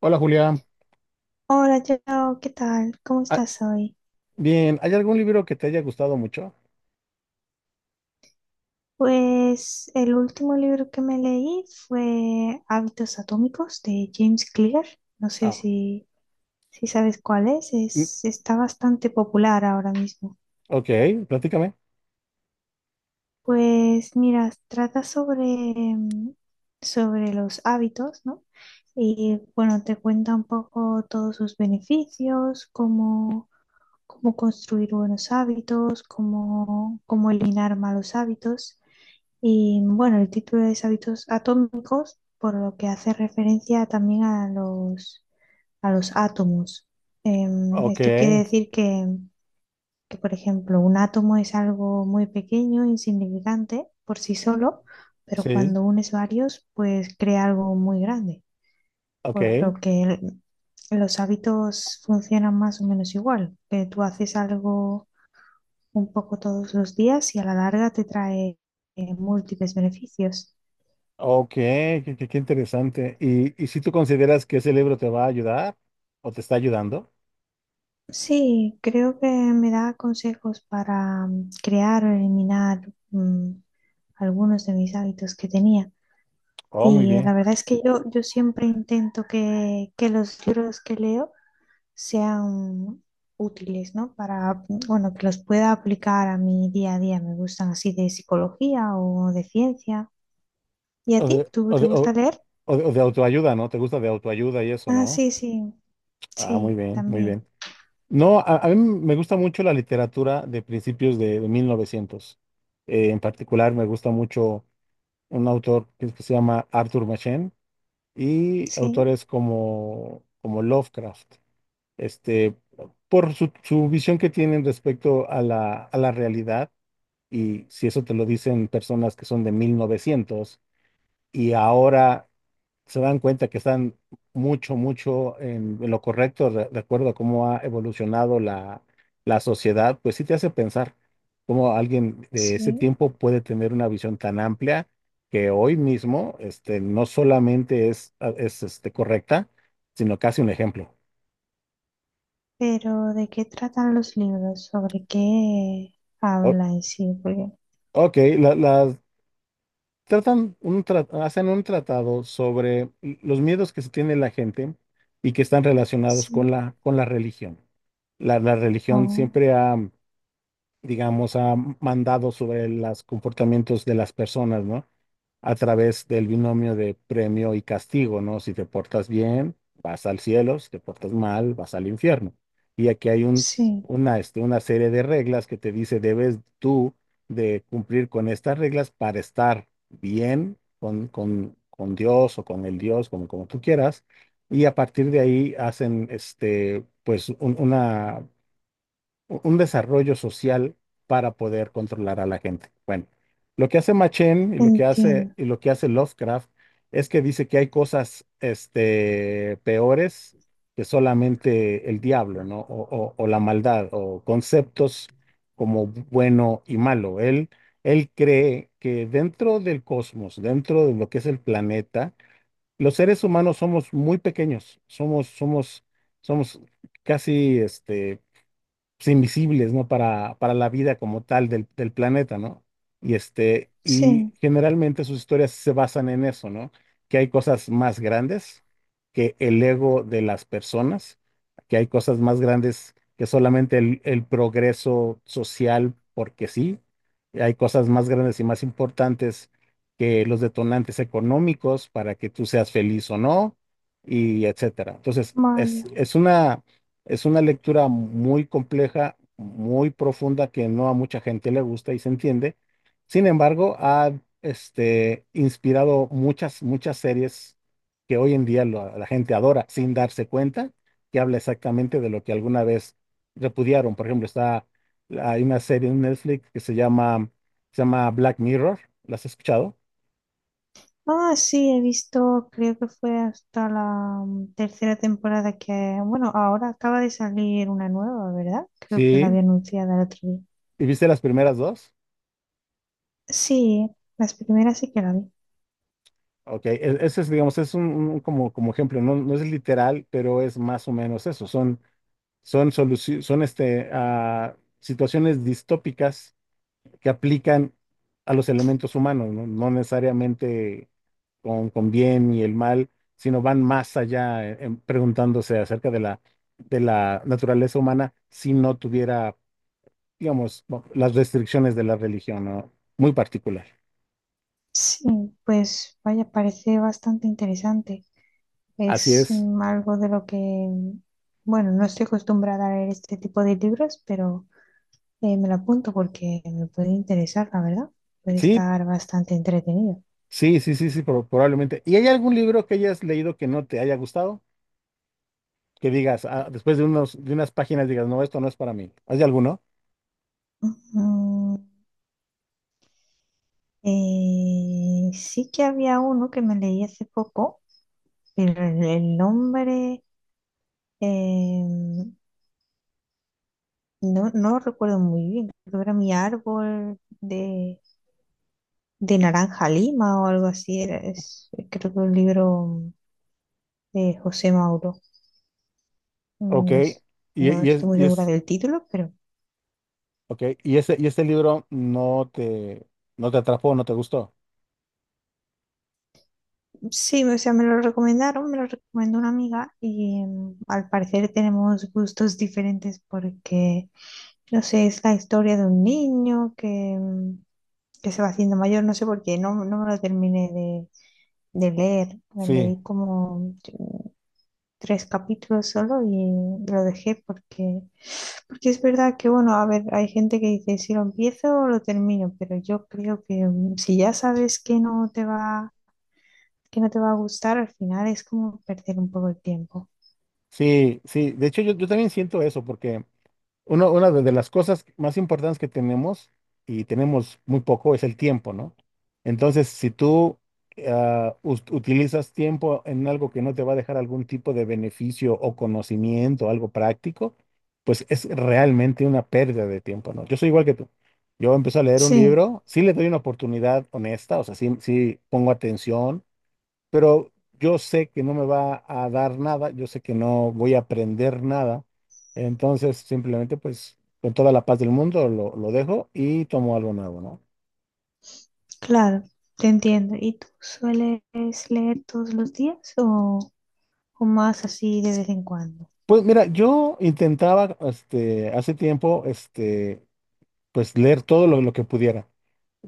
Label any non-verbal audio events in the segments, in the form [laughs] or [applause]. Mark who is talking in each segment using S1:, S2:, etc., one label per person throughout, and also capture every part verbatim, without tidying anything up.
S1: Hola, Julia.
S2: Hola, Joe, ¿qué tal? ¿Cómo
S1: Ah,
S2: estás hoy?
S1: bien, ¿hay algún libro que te haya gustado mucho?
S2: Pues el último libro que me leí fue Hábitos Atómicos de James Clear. No sé
S1: Ah.
S2: si, si sabes cuál es.
S1: Mm.
S2: es. Está bastante popular ahora mismo.
S1: Ok, platícame.
S2: Pues mira, trata sobre, mm, sobre los hábitos, ¿no? Y bueno, te cuenta un poco todos sus beneficios, cómo, cómo construir buenos hábitos, cómo, cómo eliminar malos hábitos. Y bueno, el título es Hábitos atómicos, por lo que hace referencia también a los, a los átomos. Em,
S1: Ok.
S2: esto quiere decir que, que, por ejemplo, un átomo es algo muy pequeño, insignificante por sí solo, pero
S1: Sí.
S2: cuando unes varios, pues crea algo muy grande, por lo
S1: Ok,
S2: que el- los hábitos funcionan más o menos igual, que tú haces algo un poco todos los días y a la larga te trae eh, múltiples beneficios.
S1: ok, qué, qué- qué interesante. ¿Y, y si tú consideras que ese libro te va a ayudar o te está ayudando?
S2: Sí, creo que me da consejos para mm, crear o eliminar mm, algunos de mis hábitos que tenía.
S1: Oh, muy
S2: Y eh, la
S1: bien.
S2: verdad es que yo, yo siempre intento que, que los libros que leo sean útiles, ¿no? Para, mm, bueno, que los pueda aplicar a mi día a día. Me gustan así de psicología o de ciencia. ¿Y a
S1: O de,
S2: ti? ¿Tú
S1: o
S2: te
S1: de- o-
S2: gusta leer?
S1: o de- o de autoayuda, ¿no? ¿Te gusta de autoayuda y eso,
S2: Ah,
S1: no?
S2: sí, sí,
S1: Ah, muy
S2: sí,
S1: bien, muy bien.
S2: también.
S1: No, a, a mí me gusta mucho la literatura de principios de, de mil novecientos. Eh, en particular, me gusta mucho. Un autor que que se llama Arthur Machen y
S2: Sí,
S1: autores como, como Lovecraft, este, por su, su visión que tienen respecto a la, a la realidad, y si eso te lo dicen personas que son de mil novecientos y ahora se dan cuenta que están mucho, mucho en, en lo correcto de, de acuerdo a cómo ha evolucionado la, la sociedad, pues sí te hace pensar cómo alguien de ese
S2: sí.
S1: tiempo puede tener una visión tan amplia que hoy mismo, este, no solamente es, es este, correcta, sino casi un ejemplo.
S2: Pero, ¿de qué tratan los libros? ¿Sobre qué
S1: O-
S2: habla en sí? Porque,
S1: ok, la- las tratan un tra- hacen un tratado sobre los miedos que se tiene la gente y que están relacionados con
S2: sí,
S1: la, con la religión. La, la religión
S2: oh,
S1: siempre ha, digamos, ha mandado sobre los comportamientos de las personas, ¿no? A través del binomio de premio y castigo, ¿no? Si te portas bien, vas al cielo; si te portas mal, vas al infierno. Y aquí hay un,
S2: sí,
S1: una, este, una serie de reglas que te dice, debes tú de cumplir con estas reglas para estar bien con, con, con Dios, o con el Dios, como, como tú quieras. Y a partir de ahí hacen, este, pues, un- una u- un desarrollo social para poder controlar a la gente. Bueno, lo que hace Machen y lo que hace,
S2: entiendo.
S1: y lo que hace Lovecraft es que dice que hay cosas, este, peores que solamente el diablo, ¿no? O, o- o la maldad, o conceptos como bueno y malo. Él, él cree que dentro del cosmos, dentro de lo que es el planeta, los seres humanos somos muy pequeños, somos, somos, somos casi, este, pues, invisibles, ¿no? Para, para la vida como tal del, del planeta, ¿no? Y este, y
S2: Sí,
S1: generalmente sus historias se basan en eso, ¿no? Que hay cosas más grandes que el ego de las personas, que hay cosas más grandes que solamente el, el progreso social, porque sí, hay cosas más grandes y más importantes que los detonantes económicos para que tú seas feliz o no, y etcétera. Entonces, es,
S2: mayo.
S1: es una es una lectura muy compleja, muy profunda, que no a mucha gente le gusta y se entiende. Sin embargo, ha, este, inspirado muchas, muchas series que hoy en día lo- la gente adora sin darse cuenta, que habla exactamente de lo que alguna vez repudiaron. Por ejemplo, está, hay una serie en Netflix que se llama, se llama Black Mirror. ¿La has escuchado?
S2: Ah, sí, he visto, creo que fue hasta la mm, tercera temporada que, bueno, ahora acaba de salir una nueva, ¿verdad? Creo que la había
S1: Sí.
S2: anunciada el otro día.
S1: ¿Y viste las primeras dos?
S2: Sí, las primeras sí que la vi.
S1: Ok, e- ese es, digamos, es un, un como, como ejemplo, no, no es literal, pero es más o menos eso. Son, son soluci- son este, ah, situaciones distópicas que aplican a los elementos humanos, no, no necesariamente con, con bien y el mal, sino van más allá en- en preguntándose acerca de la, de la naturaleza humana si no tuviera, digamos, bueno, las restricciones de la religión, ¿no? Muy particular.
S2: Sí, pues vaya, parece bastante interesante.
S1: Así
S2: Es
S1: es.
S2: mm, algo de lo que, mm, bueno, no estoy acostumbrada a leer este tipo de libros, pero eh, me lo apunto porque me puede interesar, la verdad. Puede
S1: Sí.
S2: estar bastante entretenido.
S1: Sí, sí, sí, sí, pro- probablemente. ¿Y hay algún libro que hayas leído que no te haya gustado? Que digas, ah, después de unos, de unas páginas digas, no, esto no es para mí. ¿Hay alguno?
S2: Ujú. Eh, sí que había uno que me leí hace poco, pero el, el nombre eh, no, no lo recuerdo muy bien. Creo que era Mi árbol de, de, naranja lima o algo así. Era, es- creo que un libro de José Mauro.
S1: Ok.
S2: Mm, no, es-
S1: Y,
S2: no
S1: y es,
S2: estoy muy
S1: y
S2: segura
S1: es,
S2: del título, pero
S1: ok. Y ese, y este libro no te, no te atrapó, no te gustó.
S2: sí, o sea, me lo recomendaron, me lo recomendó una amiga y em, al parecer tenemos gustos diferentes porque, no sé, es la historia de un niño que, em, que se va haciendo mayor, no sé por qué, no, no me lo terminé de, de leer, me
S1: Sí,
S2: leí como tres capítulos solo y lo dejé porque, porque es verdad que, bueno, a ver, hay gente que dice si lo empiezo o lo termino, pero yo creo que mm, si ya sabes que no te va, que no te va a gustar, al final es como perder un poco el tiempo.
S1: sí, sí. De hecho, yo, yo también siento eso, porque Uno- una de de las cosas más importantes que tenemos, y tenemos muy poco, es el tiempo, ¿no? Entonces, si tú ah, us- utilizas tiempo en algo que no te va a dejar algún tipo de beneficio o conocimiento, algo práctico, pues es realmente una pérdida de tiempo, ¿no? Yo soy igual que tú. Yo empiezo a leer un
S2: Sí,
S1: libro, sí le doy una oportunidad honesta, o sea, sí, sí pongo atención, pero yo sé que no me va a dar nada, yo sé que no voy a aprender nada, entonces simplemente, pues, con toda la paz del mundo lo, lo dejo y tomo algo nuevo, ¿no?
S2: claro, te entiendo. ¿Y tú sueles leer todos los días o, o más así de vez en cuando?
S1: Pues mira, yo intentaba, este, hace tiempo, este, pues leer todo lo, lo que pudiera.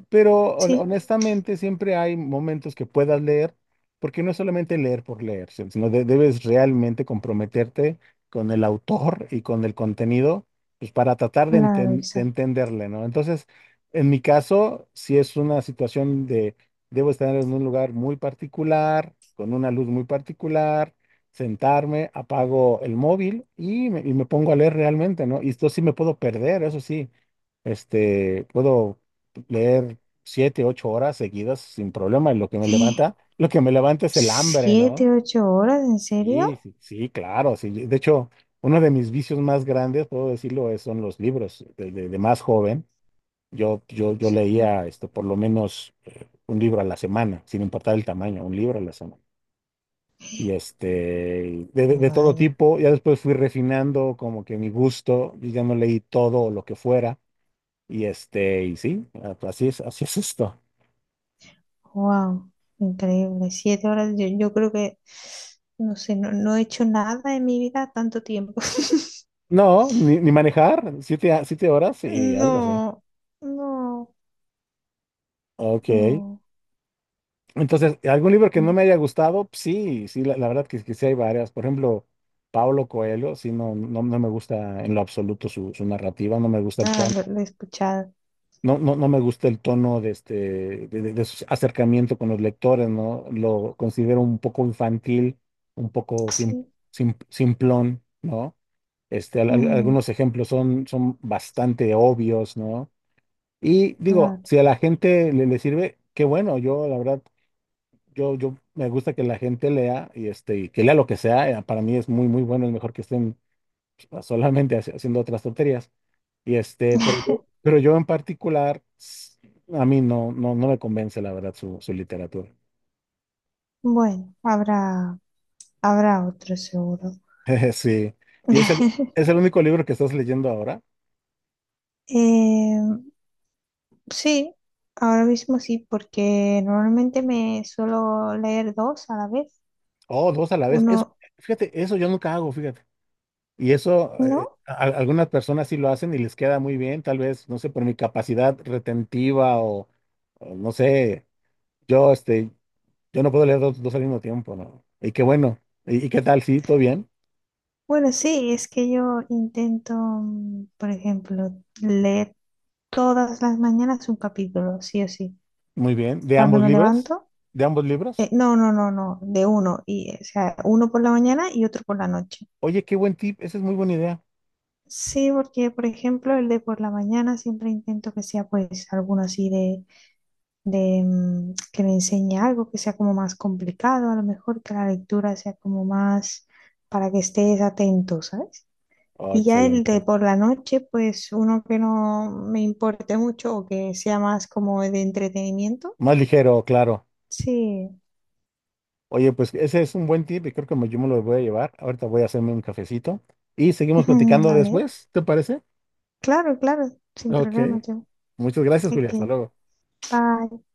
S1: Pero hon-
S2: Sí,
S1: honestamente siempre hay momentos que puedas leer, porque no es solamente leer por leer, si- sino de- debes realmente comprometerte con el autor y con el contenido, pues para tratar de,
S2: claro,
S1: enten- de
S2: exacto.
S1: entenderle, ¿no? Entonces, en mi caso, si es una situación de: debo estar en un lugar muy particular, con una luz muy particular, sentarme, apago el móvil y me, y me pongo a leer realmente, ¿no? Y esto sí me puedo perder, eso sí, este, puedo leer siete, ocho horas seguidas sin problema. Y lo que me levanta,
S2: [gasps]
S1: lo que me levanta es el hambre,
S2: ¿Siete,
S1: ¿no?
S2: ocho horas? ¿En serio?
S1: Sí, sí, sí, claro, sí. De hecho, uno de mis vicios más grandes, puedo decirlo, es- son los libros. De, de- de más joven, yo, yo, yo
S2: Sí.
S1: leía esto por lo menos, eh, un libro a la semana, sin importar el tamaño, un libro a la semana. Y este, de, de- de todo
S2: Vaya.
S1: tipo, ya después fui refinando como que mi gusto, y ya no leí todo lo que fuera. Y este, y sí, así es, así es esto.
S2: Wow, increíble. Siete horas, yo, yo creo que, no sé, no, no he hecho nada en mi vida tanto tiempo. [laughs]
S1: No, ni, ni manejar, siete, a- siete horas, sí, algo así.
S2: No, no,
S1: Ok.
S2: no.
S1: Entonces, ¿algún libro que no me haya gustado? Sí, sí, la, la verdad que, que sí hay varias. Por ejemplo, Pablo Coelho, sí, no, no, no me gusta en lo absoluto su, su narrativa, no me gusta el
S2: Ah,
S1: tono.
S2: lo, lo he escuchado.
S1: No, no, no me gusta el tono de este, de, de- de su acercamiento con los lectores, ¿no? Lo considero un poco infantil, un poco sim-
S2: Sí.
S1: sim- simplón, ¿no? Este, al- al-
S2: Mm,
S1: algunos ejemplos son, son bastante obvios, ¿no? Y digo,
S2: claro.
S1: si a la gente le, le sirve, qué bueno, yo la verdad, yo, yo me gusta que la gente lea y este, y que lea lo que sea, eh, para mí es muy, muy bueno, es mejor que estén, pues, solamente haci- haciendo otras tonterías. Y este, pero yo,
S2: [laughs]
S1: pero yo en particular, s- a mí no, no, no me convence la verdad su, su literatura.
S2: Bueno, habrá, habrá otro seguro.
S1: [laughs] Sí. Y es el,
S2: [laughs]
S1: ¿Es el único libro que estás leyendo ahora?
S2: Eh, sí, ahora mismo sí, porque normalmente me suelo leer dos a la vez.
S1: Oh, dos a la vez. Eso,
S2: Uno,
S1: fíjate, eso yo nunca hago, fíjate. Y eso, eh,
S2: ¿no?
S1: a- algunas personas sí lo hacen y les queda muy bien, tal vez, no sé, por mi capacidad retentiva o, o no sé, yo, este, yo no puedo leer dos, dos al mismo tiempo, ¿no? Y qué bueno. ¿Y, y qué tal? Sí, todo bien,
S2: Bueno, sí, es que yo intento, mm, por ejemplo, leer todas las mañanas un capítulo, sí o sí.
S1: muy bien. ¿De
S2: Cuando
S1: ambos
S2: me
S1: libros?
S2: levanto,
S1: ¿De ambos
S2: eh,
S1: libros?
S2: no, no, no, no, de uno, y, o sea, uno por la mañana y otro por la noche.
S1: Oye, qué buen tip, esa es muy buena idea.
S2: Sí, porque, por ejemplo, el de por la mañana siempre intento que sea, pues, alguno así de, de, mm, que me enseñe algo, que sea como más complicado, a lo mejor que la lectura sea como más para que estés atento, ¿sabes?
S1: Oh,
S2: Y ya el de
S1: excelente.
S2: por la noche, pues uno que no me importe mucho o que sea más como de entretenimiento.
S1: Más ligero, claro.
S2: Sí,
S1: Oye, pues ese es un buen tip y creo que me- yo me lo voy a llevar. Ahorita voy a hacerme un cafecito y seguimos
S2: [laughs]
S1: platicando
S2: vale.
S1: después, ¿te parece?
S2: Claro, claro, sin
S1: Ok.
S2: problema yo.
S1: Muchas gracias,
S2: Es
S1: Julia. Hasta luego.
S2: bye.